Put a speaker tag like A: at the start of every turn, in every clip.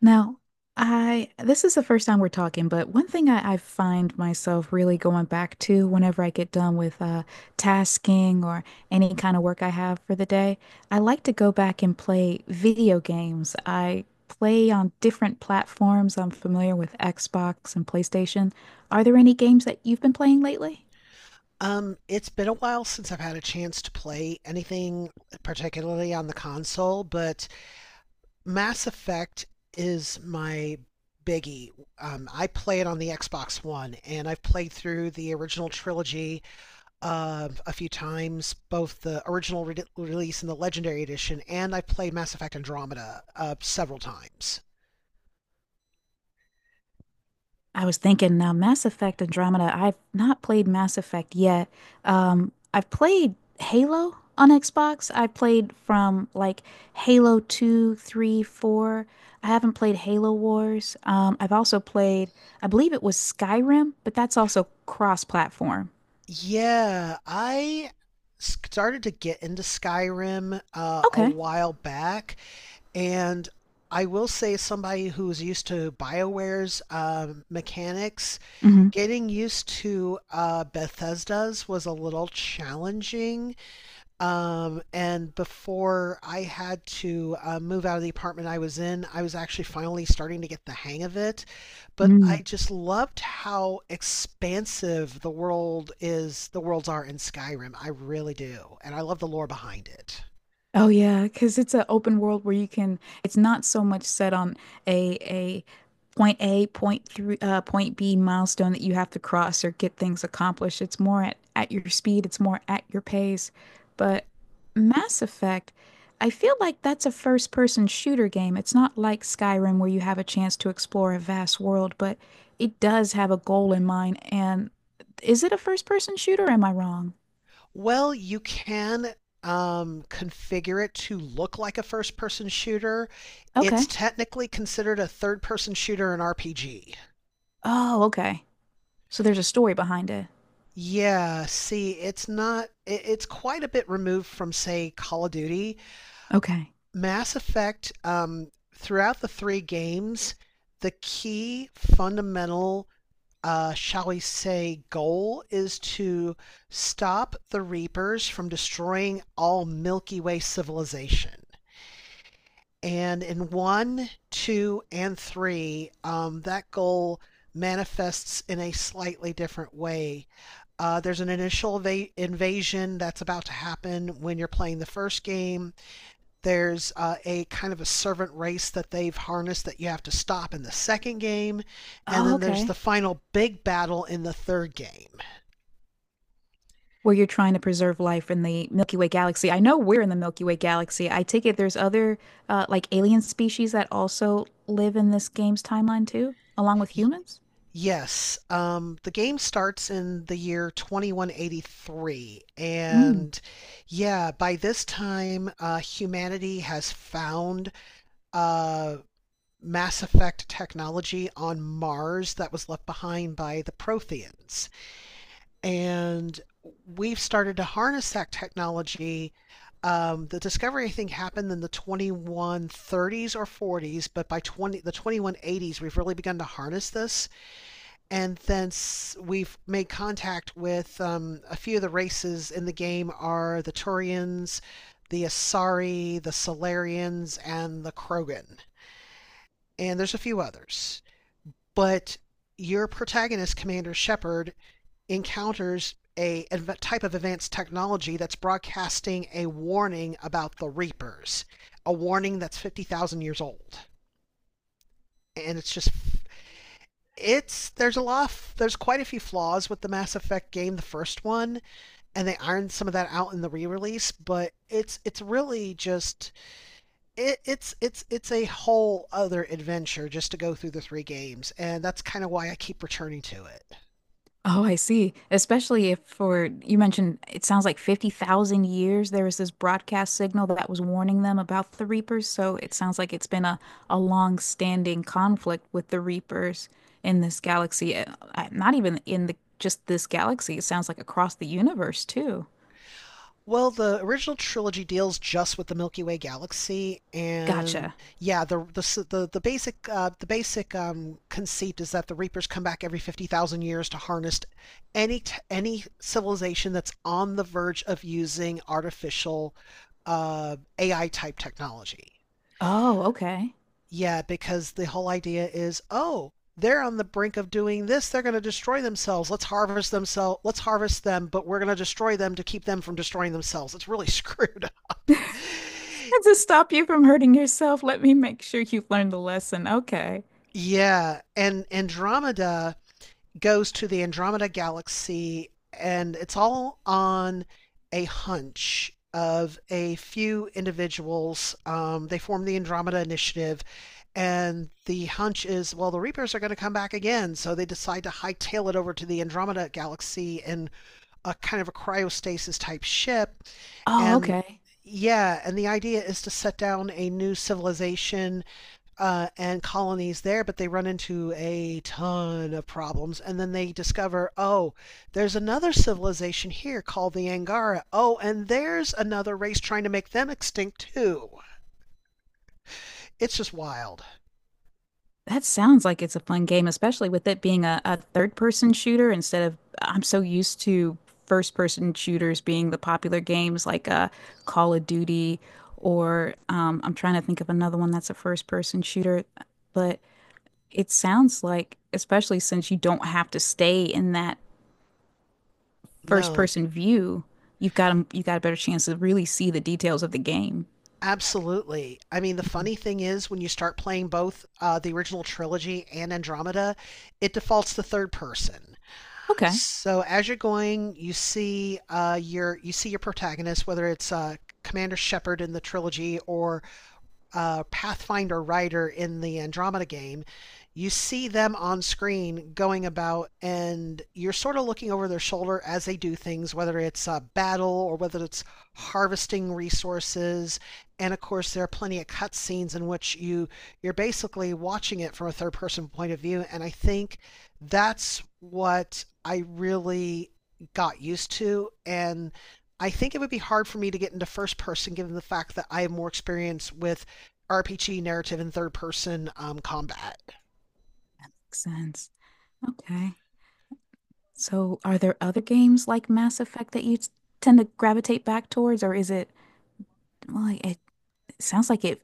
A: Now, I this is the first time we're talking, but one thing I find myself really going back to whenever I get done with tasking or any kind of work I have for the day. I like to go back and play video games. I play on different platforms. I'm familiar with Xbox and PlayStation. Are there any games that you've been playing lately?
B: It's been a while since I've had a chance to play anything, particularly on the console, but Mass Effect is my biggie. I play it on the Xbox One, and I've played through the original trilogy a few times, both the original release and the Legendary Edition, and I've played Mass Effect Andromeda several times.
A: I was thinking now, Mass Effect Andromeda. I've not played Mass Effect yet. I've played Halo on Xbox. I played from like Halo 2, 3, 4. I haven't played Halo Wars. I've also played, I believe it was Skyrim, but that's also cross-platform.
B: Yeah, I started to get into Skyrim a
A: Okay.
B: while back. And I will say, somebody who's used to BioWare's mechanics,
A: Mm-hmm.
B: getting used to Bethesda's was a little challenging. And before I had to move out of the apartment I was in, I was actually finally starting to get the hang of it. But I
A: Mm-hmm.
B: just loved how expansive the world is, the worlds are in Skyrim. I really do. And I love the lore behind it.
A: Oh yeah, because it's an open world where you can. It's not so much set on a point A, point three, point B milestone that you have to cross or get things accomplished. It's more at your speed. It's more at your pace. But Mass Effect, I feel like that's a first person shooter game. It's not like Skyrim where you have a chance to explore a vast world, but it does have a goal in mind. And is it a first person shooter? Or am I wrong?
B: Well, you can configure it to look like a first person shooter. It's
A: Okay.
B: technically considered a third person shooter in RPG.
A: Oh, okay. So there's a story behind it.
B: Yeah, see, it's not, it, it's quite a bit removed from, say, Call of Duty.
A: Okay.
B: Mass Effect, throughout the three games, the key fundamental, shall we say, goal is to stop the Reapers from destroying all Milky Way civilization. And in one, two, and three, that goal manifests in a slightly different way. There's an initial invasion that's about to happen when you're playing the first game. There's a kind of a servant race that they've harnessed that you have to stop in the second game. And
A: Oh,
B: then there's the
A: okay.
B: final big battle in the third game.
A: Where you're trying to preserve life in the Milky Way galaxy. I know we're in the Milky Way galaxy. I take it there's other like alien species that also live in this game's timeline too, along with humans?
B: Yes, the game starts in the year 2183,
A: Mm.
B: and yeah, by this time, humanity has found uh, Mass Effect technology on Mars that was left behind by the Protheans, and we've started to harness that technology. The discovery, I think, happened in the 2130s or 40s, but by 20 the 2180s, we've really begun to harness this, and thence we've made contact with a few of the races in the game are the Turians, the Asari, the Solarians, and the Krogan. And there's a few others. But your protagonist, Commander Shepard, encounters a type of advanced technology that's broadcasting a warning about the Reapers, a warning that's 50,000 years old. And it's just it's there's there's quite a few flaws with the Mass Effect game, the first one, and they ironed some of that out in the re-release, but it's really just it, it's a whole other adventure just to go through the three games, and that's kind of why I keep returning to it.
A: Oh, I see. Especially if for you mentioned it sounds like 50,000 years there was this broadcast signal that was warning them about the Reapers, so it sounds like it's been a long-standing conflict with the Reapers in this galaxy. Not even in the just this galaxy. It sounds like across the universe too.
B: Well, the original trilogy deals just with the Milky Way galaxy, and
A: Gotcha.
B: yeah, the basic the basic conceit is that the Reapers come back every 50,000 years to harness any civilization that's on the verge of using artificial AI type technology.
A: Oh, okay.
B: Yeah, because the whole idea is, oh, they're on the brink of doing this. They're going to destroy themselves. Let's harvest themselves. Let's harvest them, but we're going to destroy them to keep them from destroying themselves. It's really screwed up.
A: to stop you from hurting yourself, let me make sure you've learned the lesson. Okay.
B: Yeah, and Andromeda goes to the Andromeda galaxy, and it's all on a hunch of a few individuals. They form the Andromeda Initiative. And the hunch is, well, the Reapers are going to come back again. So they decide to hightail it over to the Andromeda Galaxy in a kind of a cryostasis type ship.
A: Oh,
B: And
A: okay.
B: Yeah, and the idea is to set down a new civilization and colonies there, but they run into a ton of problems. And then they discover, oh, there's another civilization here called the Angara. Oh, and there's another race trying to make them extinct too. It's just wild.
A: That sounds like it's a fun game, especially with it being a third person shooter instead of I'm so used to first person shooters being the popular games like Call of Duty or I'm trying to think of another one that's a first person shooter. But it sounds like, especially since you don't have to stay in that first
B: No.
A: person view, you got a better chance to really see the details of the game.
B: Absolutely. I mean, the funny thing is when you start playing both the original trilogy and Andromeda, it defaults to third person.
A: Okay,
B: So as you're going, you see your protagonist, whether it's Commander Shepard in the trilogy or Pathfinder writer in the Andromeda game, you see them on screen going about, and you're sort of looking over their shoulder as they do things, whether it's a battle or whether it's harvesting resources. And of course, there are plenty of cutscenes in which you're basically watching it from a third-person point of view. And I think that's what I really got used to, and I think it would be hard for me to get into first person given the fact that I have more experience with RPG narrative in third person combat.
A: that makes sense. Okay. So, are there other games like Mass Effect that you tend to gravitate back towards, or is it, well, it sounds like it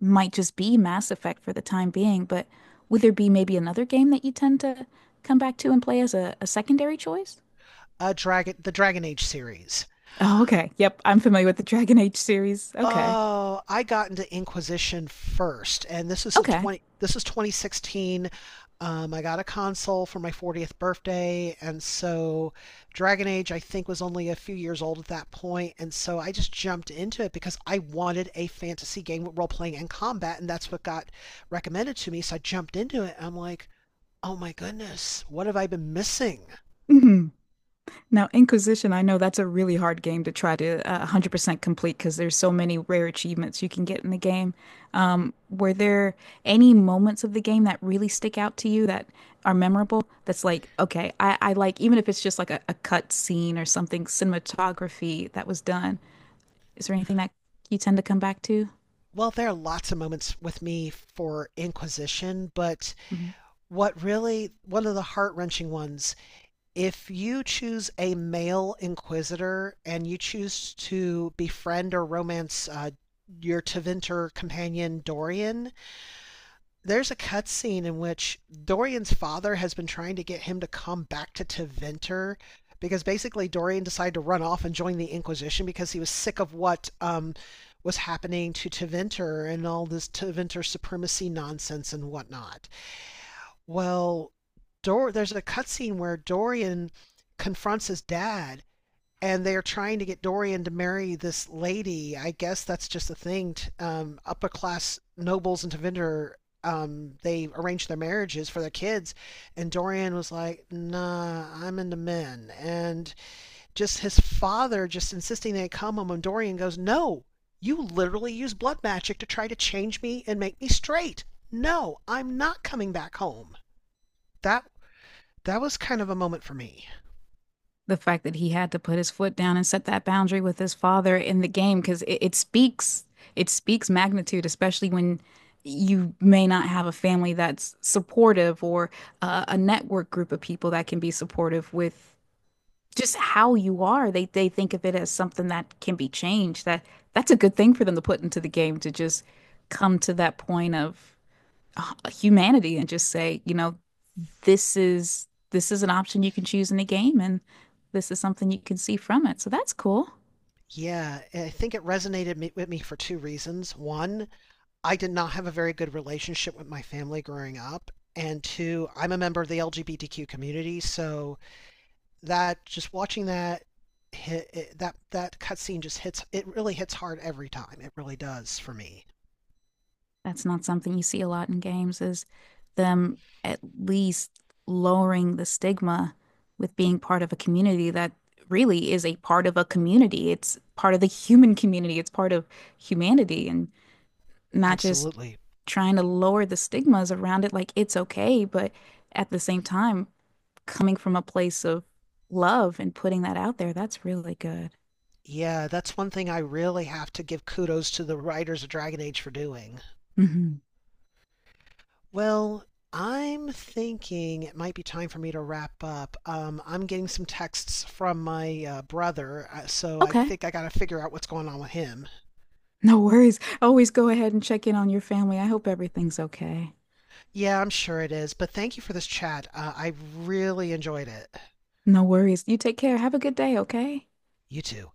A: might just be Mass Effect for the time being, but would there be maybe another game that you tend to come back to and play as a secondary choice?
B: The Dragon Age series.
A: Oh, okay. Yep, I'm familiar with the Dragon Age series. Okay.
B: Oh, I got into Inquisition first, and this is a
A: Okay.
B: twenty. This is 2016. I got a console for my 40th birthday, and so Dragon Age I think was only a few years old at that point, and so I just jumped into it because I wanted a fantasy game with role playing and combat, and that's what got recommended to me. So I jumped into it. And I'm like, oh my goodness, what have I been missing?
A: Mhm. Now, Inquisition, I know that's a really hard game to try to 100% complete because there's so many rare achievements you can get in the game. Were there any moments of the game that really stick out to you that are memorable? That's like, okay, even if it's just like a cut scene or something, cinematography that was done. Is there anything that you tend to come back to?
B: Well, there are lots of moments with me for inquisition, but one of the heart wrenching ones, if you choose a male inquisitor and you choose to befriend or romance your Teventer companion Dorian, there's a cutscene in which Dorian's father has been trying to get him to come back to Teventer because basically Dorian decided to run off and join the Inquisition because he was sick of what was happening to Teventer and all this Teventer supremacy nonsense and whatnot. Well, there's a cutscene where Dorian confronts his dad and they are trying to get Dorian to marry this lady. I guess that's just a thing. Upper class nobles in Tevinder, they arrange their marriages for their kids, and Dorian was like, "Nah, I'm into men." And just his father just insisting they come home, and Dorian goes, "No, you literally use blood magic to try to change me and make me straight. No, I'm not coming back home." That that was kind of a moment for me.
A: The fact that he had to put his foot down and set that boundary with his father in the game because it, it speaks magnitude, especially when you may not have a family that's supportive or a network group of people that can be supportive with just how you are. They think of it as something that can be changed. That that's a good thing for them to put into the game, to just come to that point of humanity and just say, this is an option you can choose in the game, and this is something you can see from it. So that's cool.
B: Yeah, I think it resonated with me for two reasons. One, I did not have a very good relationship with my family growing up. And two, I'm a member of the LGBTQ community, so that just watching that hit it, that that cutscene just hits it really hits hard every time. It really does for me.
A: That's not something you see a lot in games, is them at least lowering the stigma with being part of a community that really is a part of a community. It's part of the human community. It's part of humanity and not just
B: Absolutely.
A: trying to lower the stigmas around it like it's okay, but at the same time, coming from a place of love and putting that out there, that's really good.
B: Yeah, that's one thing I really have to give kudos to the writers of Dragon Age for doing.
A: Hmm.
B: Well, I'm thinking it might be time for me to wrap up. I'm getting some texts from my brother, so I
A: Okay.
B: think I got to figure out what's going on with him.
A: No worries. Always go ahead and check in on your family. I hope everything's okay.
B: Yeah, I'm sure it is, but thank you for this chat. I really enjoyed it.
A: No worries. You take care. Have a good day, okay?
B: You too.